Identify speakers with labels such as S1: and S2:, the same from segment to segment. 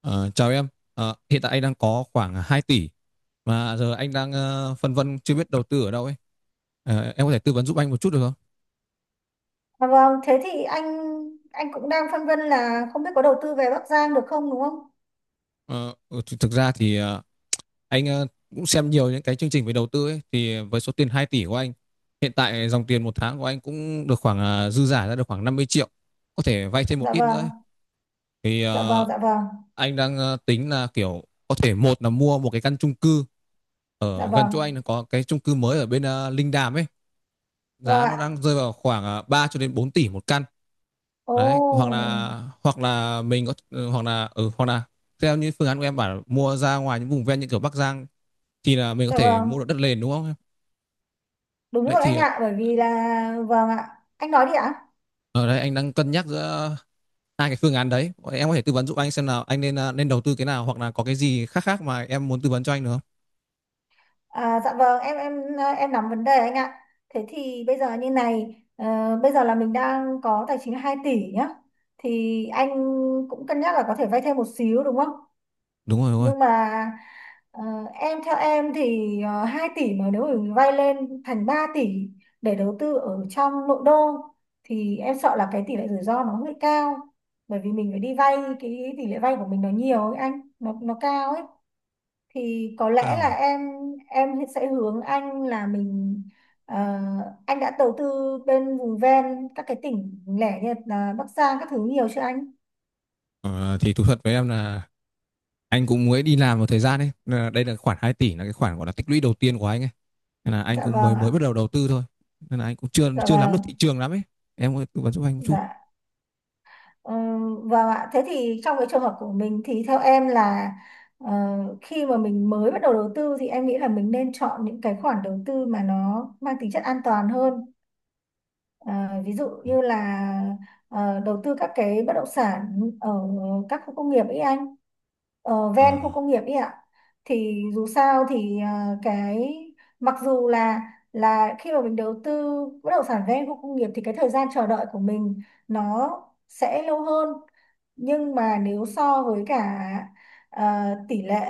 S1: Ờ, Chào em. Hiện tại anh đang có khoảng 2 tỷ mà giờ anh đang phân vân chưa biết đầu tư ở đâu ấy. Em có thể tư vấn giúp anh một chút được không?
S2: À vâng, thế thì anh cũng đang phân vân là không biết có đầu tư về Bắc Giang được không đúng không?
S1: Thực ra thì anh cũng xem nhiều những cái chương trình về đầu tư ấy thì với số tiền 2 tỷ của anh hiện tại dòng tiền một tháng của anh cũng được khoảng dư giả ra được khoảng 50 triệu có thể vay thêm một
S2: Dạ
S1: ít nữa
S2: vâng,
S1: ấy. Thì
S2: dạ vâng, dạ vâng,
S1: anh đang tính là kiểu có thể một là mua một cái căn chung cư
S2: dạ
S1: ở gần chỗ
S2: vâng,
S1: anh là có cái chung cư mới ở bên Linh Đàm ấy,
S2: vâng
S1: giá nó
S2: ạ.
S1: đang rơi vào khoảng 3 cho đến 4 tỷ một căn
S2: Ồ,
S1: đấy. Hoặc là theo như phương án của em bảo mua ra ngoài những vùng ven như kiểu Bắc Giang thì là mình có
S2: dạ
S1: thể
S2: vâng,
S1: mua được đất nền, đúng không?
S2: đúng
S1: Đấy
S2: rồi anh
S1: thì
S2: ạ, bởi vì là vâng ạ, anh nói đi ạ.
S1: ở đây anh đang cân nhắc giữa hai cái phương án đấy. Em có thể tư vấn giúp anh xem nào anh nên nên đầu tư cái nào hoặc là có cái gì khác khác mà em muốn tư vấn cho anh được không?
S2: À, dạ vâng, em nắm vấn đề anh ạ. Thế thì bây giờ như này, bây giờ là mình đang có tài chính là 2 tỷ nhá. Thì anh cũng cân nhắc là có thể vay thêm một xíu đúng không?
S1: Đúng rồi, đúng rồi.
S2: Nhưng mà ờ, em theo em thì 2 tỷ mà nếu mình vay lên thành 3 tỷ để đầu tư ở trong nội đô thì em sợ là cái tỷ lệ rủi ro nó hơi cao, bởi vì mình phải đi vay, cái tỷ lệ vay của mình nó nhiều ấy anh, nó cao ấy. Thì có lẽ là
S1: À?
S2: em sẽ hướng anh là mình, ờ, anh đã đầu tư bên vùng ven các cái tỉnh lẻ như là Bắc Giang các thứ nhiều chưa anh?
S1: Ờ, thì thú thật với em là anh cũng mới đi làm một thời gian ấy. Nên là đây là khoản 2 tỷ là cái khoản gọi là tích lũy đầu tiên của anh ấy. Nên là anh
S2: Dạ
S1: cũng
S2: vâng
S1: mới mới
S2: ạ,
S1: bắt đầu đầu tư thôi. Nên là anh cũng chưa
S2: dạ
S1: chưa nắm được
S2: vâng,
S1: thị trường lắm ấy. Em có tư vấn giúp anh một chút.
S2: dạ. Ừ, vâng ạ, thế thì trong cái trường hợp của mình thì theo em là ờ, khi mà mình mới bắt đầu đầu tư thì em nghĩ là mình nên chọn những cái khoản đầu tư mà nó mang tính chất an toàn hơn. À, ví dụ như là đầu tư các cái bất động sản ở các khu công nghiệp ấy anh, ở
S1: Ờ,
S2: ven
S1: ờ.
S2: khu công nghiệp ấy ạ. Thì dù sao thì ờ, cái mặc dù là khi mà mình đầu tư bất động sản ven khu công nghiệp thì cái thời gian chờ đợi của mình nó sẽ lâu hơn, nhưng mà nếu so với cả ờ, tỷ lệ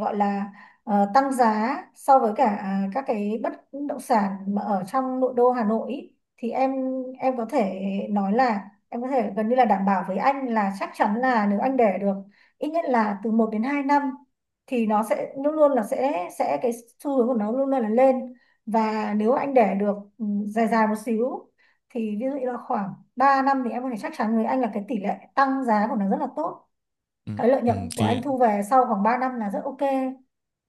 S2: gọi là tăng giá so với cả các cái bất động sản mà ở trong nội đô Hà Nội ý, thì em có thể nói là em có thể gần như là đảm bảo với anh là chắc chắn là nếu anh để được ít nhất là từ một đến 2 năm thì nó sẽ luôn luôn là sẽ cái xu hướng của nó luôn luôn là lên. Và nếu anh để được dài dài một xíu thì ví dụ như là khoảng 3 năm thì em có thể chắc chắn với anh là cái tỷ lệ tăng giá của nó rất là tốt,
S1: ừ,
S2: cái lợi
S1: ừ,
S2: nhuận của
S1: thì
S2: anh thu về sau khoảng 3 năm là rất ok.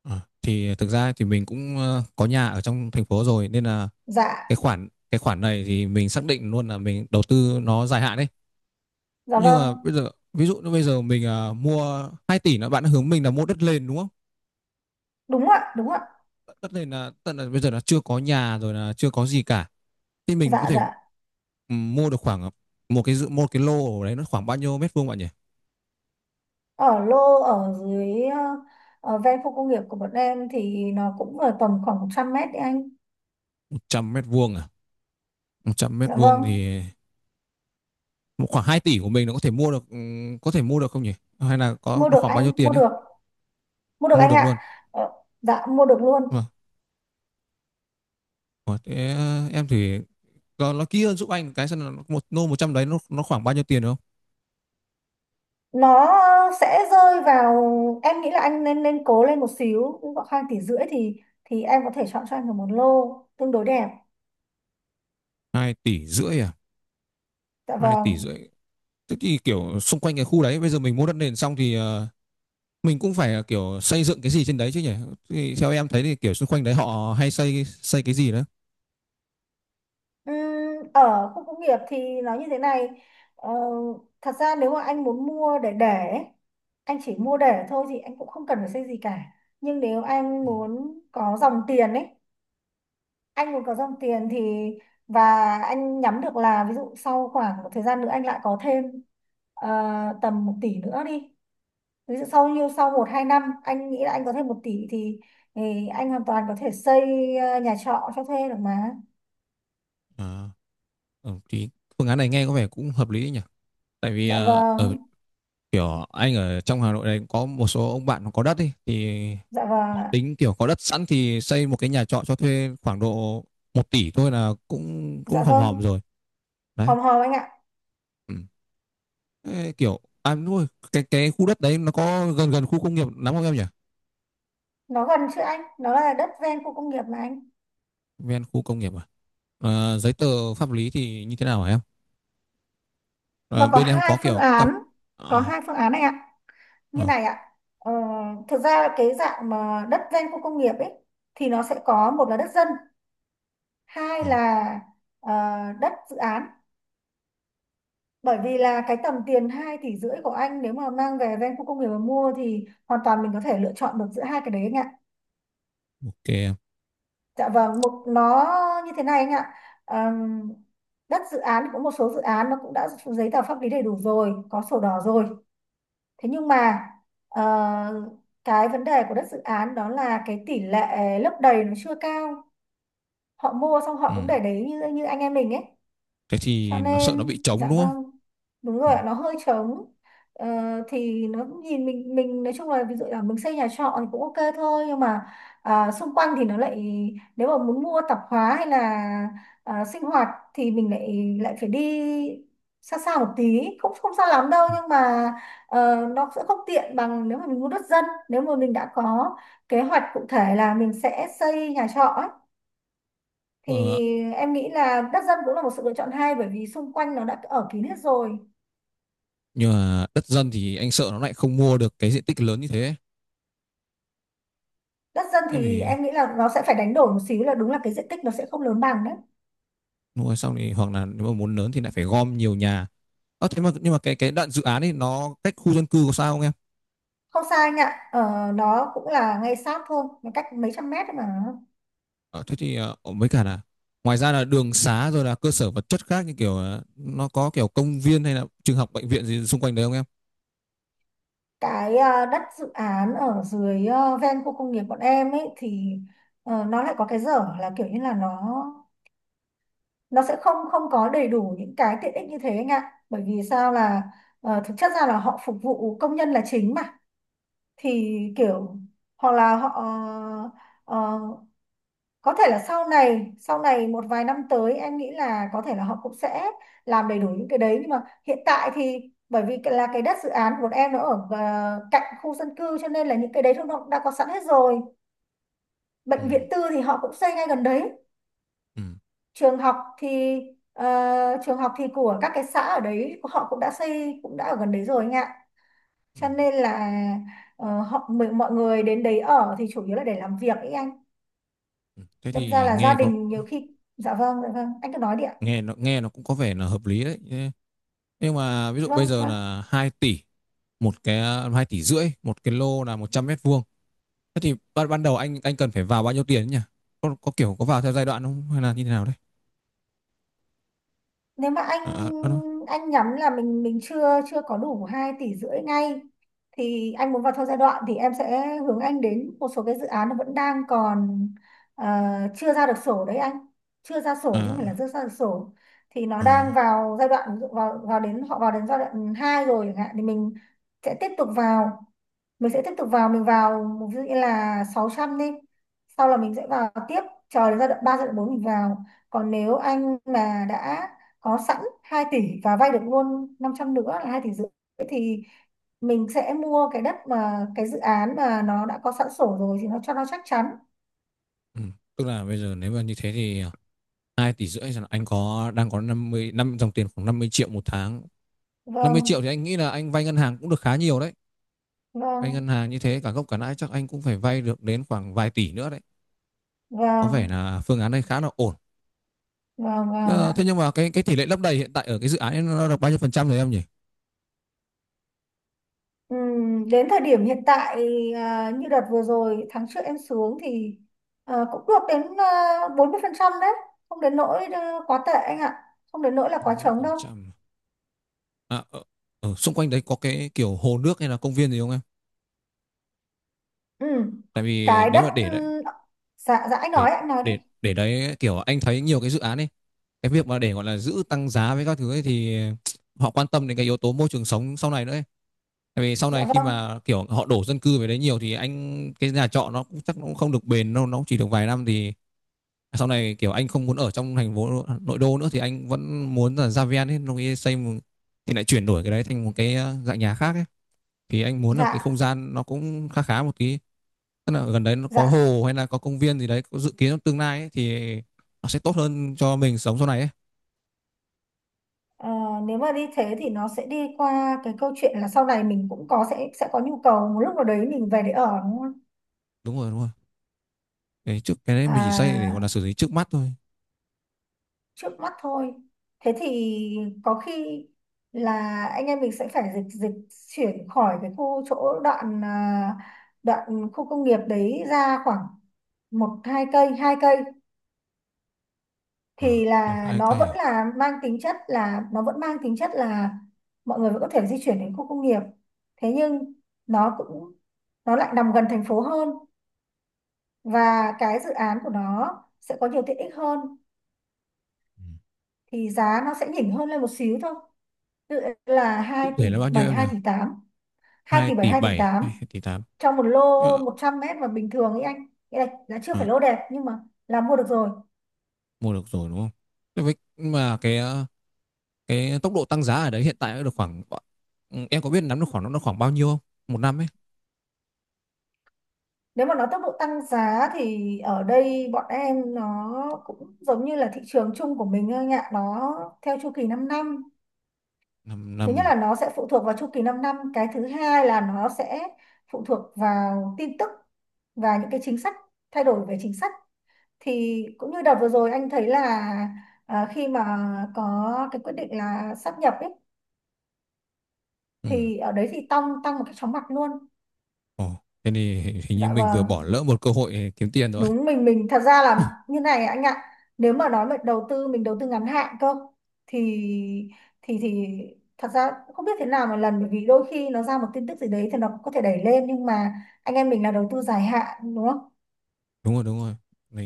S1: ờ, thì thực ra thì mình cũng có nhà ở trong thành phố rồi nên là cái
S2: Dạ,
S1: khoản cái khoản này thì mình xác định luôn là mình đầu tư nó dài hạn đấy.
S2: dạ
S1: Nhưng
S2: vâng,
S1: mà bây giờ ví dụ như bây giờ mình mua 2 tỷ là bạn hướng mình là mua đất nền, đúng không?
S2: đúng ạ, đúng ạ,
S1: Tất nhiên là tận là bây giờ là chưa có nhà rồi là chưa có gì cả, thì mình có
S2: dạ
S1: thể
S2: dạ.
S1: mua được khoảng một cái lô ở đấy nó khoảng bao nhiêu mét vuông bạn nhỉ?
S2: Ở lô ở dưới ở ven khu công nghiệp của bọn em thì nó cũng ở tầm khoảng 100 mét đấy anh.
S1: 100 mét vuông à? 100 mét
S2: Dạ
S1: vuông
S2: vâng,
S1: thì một khoảng 2 tỷ của mình nó có thể mua được có thể mua được không nhỉ? Hay là có
S2: mua
S1: nó
S2: được
S1: khoảng bao nhiêu
S2: anh, mua
S1: tiền ấy?
S2: được, mua được
S1: Mua
S2: anh
S1: được luôn.
S2: ạ. Ờ, dạ mua được luôn.
S1: Vâng. Ủa, thế em thì nó kỹ hơn giúp anh cái xem là một lô 100 đấy nó khoảng bao nhiêu tiền, đúng không?
S2: Nó sẽ rơi vào, em nghĩ là anh nên nên cố lên một xíu khoảng 2,5 tỷ thì em có thể chọn cho anh được một lô tương đối đẹp.
S1: 2,5 tỷ à?
S2: Dạ
S1: hai tỷ
S2: vâng.
S1: rưỡi Thế thì kiểu xung quanh cái khu đấy bây giờ mình mua đất nền xong thì mình cũng phải kiểu xây dựng cái gì trên đấy chứ nhỉ? Thì theo em thấy thì kiểu xung quanh đấy họ hay xây xây cái gì đó.
S2: Ừm, ở khu công nghiệp thì nó như thế này, ờ, thật ra nếu mà anh muốn mua để ấy, anh chỉ mua để thôi thì anh cũng không cần phải xây gì cả, nhưng nếu anh
S1: Ừ.
S2: muốn có dòng tiền ấy, anh muốn có dòng tiền thì và anh nhắm được là ví dụ sau khoảng một thời gian nữa anh lại có thêm ờ, tầm 1 tỷ nữa đi, ví dụ sau như sau một hai năm anh nghĩ là anh có thêm một tỷ thì anh hoàn toàn có thể xây nhà trọ cho thuê được mà.
S1: à, thì phương án này nghe có vẻ cũng hợp lý đấy nhỉ. Tại vì
S2: Dạ
S1: ờ, ở
S2: vâng,
S1: kiểu anh ở trong Hà Nội này cũng có một số ông bạn nó có đất ấy, thì
S2: dạ vâng.
S1: họ tính kiểu có đất sẵn thì xây một cái nhà trọ cho thuê khoảng độ 1 tỷ thôi là cũng cũng
S2: Dạ
S1: hòm
S2: vâng,
S1: hòm rồi đấy.
S2: hòm hòm anh ạ.
S1: Ừ. Ê, kiểu đúng rồi, cái khu đất đấy nó có gần gần khu công nghiệp lắm không em nhỉ?
S2: Nó gần chứ anh, nó là đất ven khu công nghiệp mà anh.
S1: Ven khu công nghiệp à? Giấy tờ pháp lý thì như thế nào hả em? Ờ,
S2: Nó có
S1: Bên em
S2: hai
S1: có
S2: phương
S1: kiểu cam
S2: án, có
S1: ờ,
S2: hai phương án anh ạ. Như
S1: ờ,
S2: này ạ, ờ, thực ra là cái dạng mà đất ven khu công nghiệp ấy thì nó sẽ có một là đất dân, hai
S1: ờ,
S2: là ờ, đất dự án. Bởi vì là cái tầm tiền hai tỷ rưỡi của anh nếu mà mang về ven khu công nghiệp mà mua thì hoàn toàn mình có thể lựa chọn được giữa hai cái đấy anh ạ.
S1: ok em.
S2: Dạ vâng, một nó như thế này anh ạ. Ờm, đất dự án cũng một số dự án nó cũng đã có giấy tờ pháp lý đầy đủ rồi, có sổ đỏ rồi. Thế nhưng mà ờ, cái vấn đề của đất dự án đó là cái tỷ lệ lấp đầy nó chưa cao. Họ mua xong họ
S1: Ừ.
S2: cũng để đấy như như anh em mình ấy,
S1: Thế
S2: cho
S1: thì nó sợ nó
S2: nên
S1: bị trống,
S2: dạ
S1: đúng không?
S2: vâng, đúng
S1: Ừ.
S2: rồi ạ, nó hơi trống. ờ, thì nó cũng nhìn mình nói chung là ví dụ là mình xây nhà trọ thì cũng ok thôi, nhưng mà à, xung quanh thì nó lại, nếu mà muốn mua tạp hóa hay là à, sinh hoạt thì mình lại lại phải đi xa xa một tí, cũng không xa lắm đâu, nhưng mà nó sẽ không tiện bằng nếu mà mình mua đất dân, nếu mà mình đã có kế hoạch cụ thể là mình sẽ xây nhà trọ ấy, thì
S1: Ờ,
S2: em nghĩ là đất dân cũng là một sự lựa chọn hay bởi vì xung quanh nó đã ở kín hết rồi.
S1: nhưng mà đất dân thì anh sợ nó lại không mua được cái diện tích lớn như thế.
S2: Đất dân
S1: Em
S2: thì
S1: thì
S2: em nghĩ là nó sẽ phải đánh đổi một xíu là đúng là cái diện tích nó sẽ không lớn bằng đấy.
S1: mua xong thì hoặc là nếu mà muốn lớn thì lại phải gom nhiều nhà. Thế mà nhưng mà cái đoạn dự án ấy nó cách khu dân cư có sao không em?
S2: Không sai anh ạ, nó cũng là ngay sát thôi, nó cách mấy trăm mét thôi mà.
S1: Ờ, Thế thì với cả là ngoài ra là đường xá rồi là cơ sở vật chất khác như kiểu nó có kiểu công viên hay là trường học bệnh viện gì xung quanh đấy không em?
S2: Cái đất dự án ở dưới ven khu công nghiệp bọn em ấy thì nó lại có cái dở là kiểu như là nó sẽ không không có đầy đủ những cái tiện ích như thế anh ạ, bởi vì sao là thực chất ra là họ phục vụ công nhân là chính mà, thì kiểu hoặc là họ ờ, có thể là sau này một vài năm tới em nghĩ là có thể là họ cũng sẽ làm đầy đủ những cái đấy, nhưng mà hiện tại thì bởi vì cái- là cái đất dự án của em nó ở cạnh khu dân cư cho nên là những cái đấy nó đã có sẵn hết rồi.
S1: Ừ,
S2: Bệnh viện tư thì họ cũng xây ngay gần đấy.
S1: ừ,
S2: Trường học thì ờ, trường học thì của các cái xã ở đấy họ cũng đã xây, cũng đã ở gần đấy rồi anh ạ,
S1: ừ,
S2: cho nên là, Ờ, họ mình mọi người đến đấy ở thì chủ yếu là để làm việc ấy anh.
S1: ừ. Thế
S2: Đâm ra
S1: thì
S2: là gia
S1: nghe có
S2: đình nhiều khi dạ vâng, dạ vâng anh cứ nói đi ạ,
S1: Nghe nó cũng có vẻ là hợp lý đấy. Nhưng mà ví dụ bây
S2: vâng
S1: giờ
S2: vâng.
S1: là một cái 2,5 tỷ một cái lô là 100 mét vuông. Thế thì ban ban đầu anh cần phải vào bao nhiêu tiền ấy nhỉ? Có kiểu có vào theo giai đoạn không hay là như thế nào đấy?
S2: Nếu mà anh
S1: À, à, à, đúng.
S2: anh nhắm là mình chưa chưa có đủ hai tỷ rưỡi ngay thì anh muốn vào theo giai đoạn thì em sẽ hướng anh đến một số cái dự án nó vẫn đang còn ờ, chưa ra được sổ đấy anh, chưa ra sổ chứ không phải là
S1: À,
S2: chưa ra được sổ. Thì nó đang
S1: à,
S2: vào giai đoạn, ví dụ vào vào đến họ vào đến giai đoạn 2 rồi chẳng hạn thì mình sẽ tiếp tục vào, mình sẽ tiếp tục vào, mình vào ví dụ như là 600 đi, sau là mình sẽ vào tiếp, chờ đến giai đoạn 3 giai đoạn 4 mình vào, còn nếu anh mà đã có sẵn 2 tỷ và vay được luôn 500 nữa là 2 tỷ rưỡi thì mình sẽ mua cái đất mà cái dự án mà nó đã có sẵn sổ rồi thì nó cho nó chắc chắn.
S1: ừ. Tức là bây giờ nếu mà như thế thì 2,5 tỷ là anh có đang có 50 năm dòng tiền khoảng 50 triệu một tháng. năm mươi
S2: Vâng
S1: triệu thì anh nghĩ là anh vay ngân hàng cũng được khá nhiều đấy. Vay ngân
S2: vâng
S1: hàng như thế cả gốc cả lãi chắc anh cũng phải vay được đến khoảng vài tỷ nữa đấy. Có vẻ
S2: vâng
S1: là phương án này khá là ổn.
S2: vâng vâng.
S1: Ờ, Thế nhưng mà cái tỷ lệ lấp đầy hiện tại ở cái dự án ấy nó được bao nhiêu phần trăm rồi em nhỉ?
S2: Đến thời điểm hiện tại à, như đợt vừa rồi tháng trước em xuống thì à, cũng được đến 40% đấy, không đến nỗi à, quá tệ anh ạ, không đến nỗi là quá trống đâu.
S1: 40%. À, ở xung quanh đấy có cái kiểu hồ nước hay là công viên gì không em?
S2: Ừm,
S1: Tại vì
S2: cái
S1: nếu
S2: đất
S1: mà
S2: dạ dạ anh
S1: để
S2: nói ạ, anh nói đi,
S1: để đấy kiểu anh thấy nhiều cái dự án ấy, cái việc mà để gọi là giữ tăng giá với các thứ ấy thì họ quan tâm đến cái yếu tố môi trường sống sau này nữa ấy. Tại vì sau
S2: dạ
S1: này khi
S2: vâng,
S1: mà kiểu họ đổ dân cư về đấy nhiều thì anh cái nhà trọ nó cũng chắc nó cũng không được bền đâu, nó cũng chỉ được vài năm thì sau này kiểu anh không muốn ở trong thành phố nội đô nữa thì anh vẫn muốn là ra ven ấy, nó nghĩ xây một, thì lại chuyển đổi cái đấy thành một cái dạng nhà khác ấy. Thì anh muốn là cái
S2: dạ
S1: không gian nó cũng khá khá một tí, tức là gần đấy nó có
S2: dạ.
S1: hồ hay là có công viên gì đấy, có dự kiến trong tương lai ấy, thì nó sẽ tốt hơn cho mình sống sau này ấy.
S2: Ờ, nếu mà đi thế thì nó sẽ đi qua cái câu chuyện là sau này mình cũng có sẽ có nhu cầu một lúc nào đấy mình về để ở đúng không,
S1: Đúng rồi, đúng rồi. Cái trước cái đấy mình chỉ xây để gọi là
S2: à
S1: xử lý trước mắt thôi.
S2: trước mắt thôi, thế thì có khi là anh em mình sẽ phải dịch dịch chuyển khỏi cái khu chỗ đoạn à, đoạn khu công nghiệp đấy ra khoảng một hai cây, hai cây
S1: À,
S2: thì
S1: một
S2: là
S1: hai
S2: nó
S1: cây
S2: vẫn
S1: à?
S2: là mang tính chất là nó vẫn mang tính chất là mọi người vẫn có thể di chuyển đến khu công nghiệp, thế nhưng nó cũng nó lại nằm gần thành phố hơn và cái dự án của nó sẽ có nhiều tiện ích hơn
S1: Ừ.
S2: thì giá nó sẽ nhỉnh hơn lên một xíu thôi. Ví dụ là
S1: Cụ
S2: hai tỷ
S1: thể là bao nhiêu
S2: bảy
S1: em nhỉ?
S2: 2,8 tỷ, 2
S1: hai
S2: tỷ 7
S1: tỷ
S2: 2 tỷ
S1: bảy hay 2
S2: 8
S1: tỷ tám
S2: trong một lô
S1: ờ,
S2: 100 mét mà bình thường ấy anh, nghĩa là chưa phải
S1: ờ,
S2: lô đẹp nhưng mà là mua được rồi.
S1: Mua được rồi, đúng không? Thế với mà cái cái tốc độ tăng giá ở đấy hiện tại nó được khoảng em có biết nắm được khoảng nó được khoảng bao nhiêu không? Một năm ấy.
S2: Nếu mà nói tốc độ tăng giá thì ở đây bọn em nó cũng giống như là thị trường chung của mình thôi anh ạ, nó theo chu kỳ 5 năm,
S1: Năm
S2: thứ nhất
S1: năm.
S2: là nó sẽ phụ thuộc vào chu kỳ 5 năm, cái thứ hai là nó sẽ phụ thuộc vào tin tức và những cái chính sách, thay đổi về chính sách, thì cũng như đợt vừa rồi anh thấy là à, khi mà có cái quyết định là sáp nhập ấy
S1: Ừ.
S2: thì ở đấy thì tăng tăng một cái chóng mặt luôn.
S1: Ồ, thế thì hình như
S2: Dạ
S1: mình vừa bỏ
S2: vâng,
S1: lỡ một cơ hội kiếm tiền rồi.
S2: đúng, mình thật ra là như này anh ạ, nếu mà nói về đầu tư mình đầu tư ngắn hạn cơ thì thì thật ra cũng không biết thế nào một lần bởi vì đôi khi nó ra một tin tức gì đấy thì nó cũng có thể đẩy lên, nhưng mà anh em mình là đầu tư dài hạn đúng không,
S1: Đúng rồi, đúng rồi.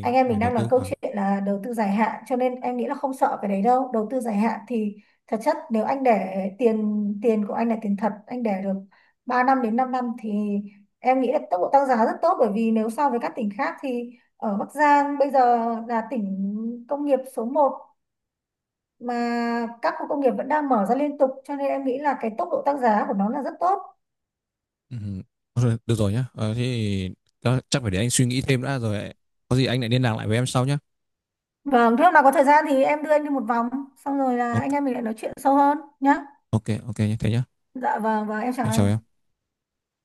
S2: anh em
S1: phải
S2: mình
S1: đầu
S2: đang nói
S1: tư
S2: câu
S1: vào.
S2: chuyện là đầu tư dài hạn cho nên em nghĩ là không sợ cái đấy đâu, đầu tư dài hạn thì thật chất nếu anh để tiền tiền của anh là tiền thật anh để được 3 năm đến 5 năm thì em nghĩ là tốc độ tăng giá rất tốt, bởi vì nếu so với các tỉnh khác thì ở Bắc Giang bây giờ là tỉnh công nghiệp số một mà các khu công nghiệp vẫn đang mở ra liên tục cho nên em nghĩ là cái tốc độ tăng giá của nó là rất tốt.
S1: Ừ. Thôi, được rồi nhá. Ờ, Thế thì chắc chắc phải để anh suy nghĩ thêm đã rồi. Có gì anh lại liên lạc lại với em sau nhá.
S2: Vâng, thế hôm nào có thời gian thì em đưa anh đi một vòng, xong rồi là
S1: Ok,
S2: anh em mình lại nói chuyện sâu hơn nhá.
S1: ok, ok nhá. Thế nhá.
S2: Dạ vâng, và em chào
S1: Anh chào
S2: anh.
S1: em.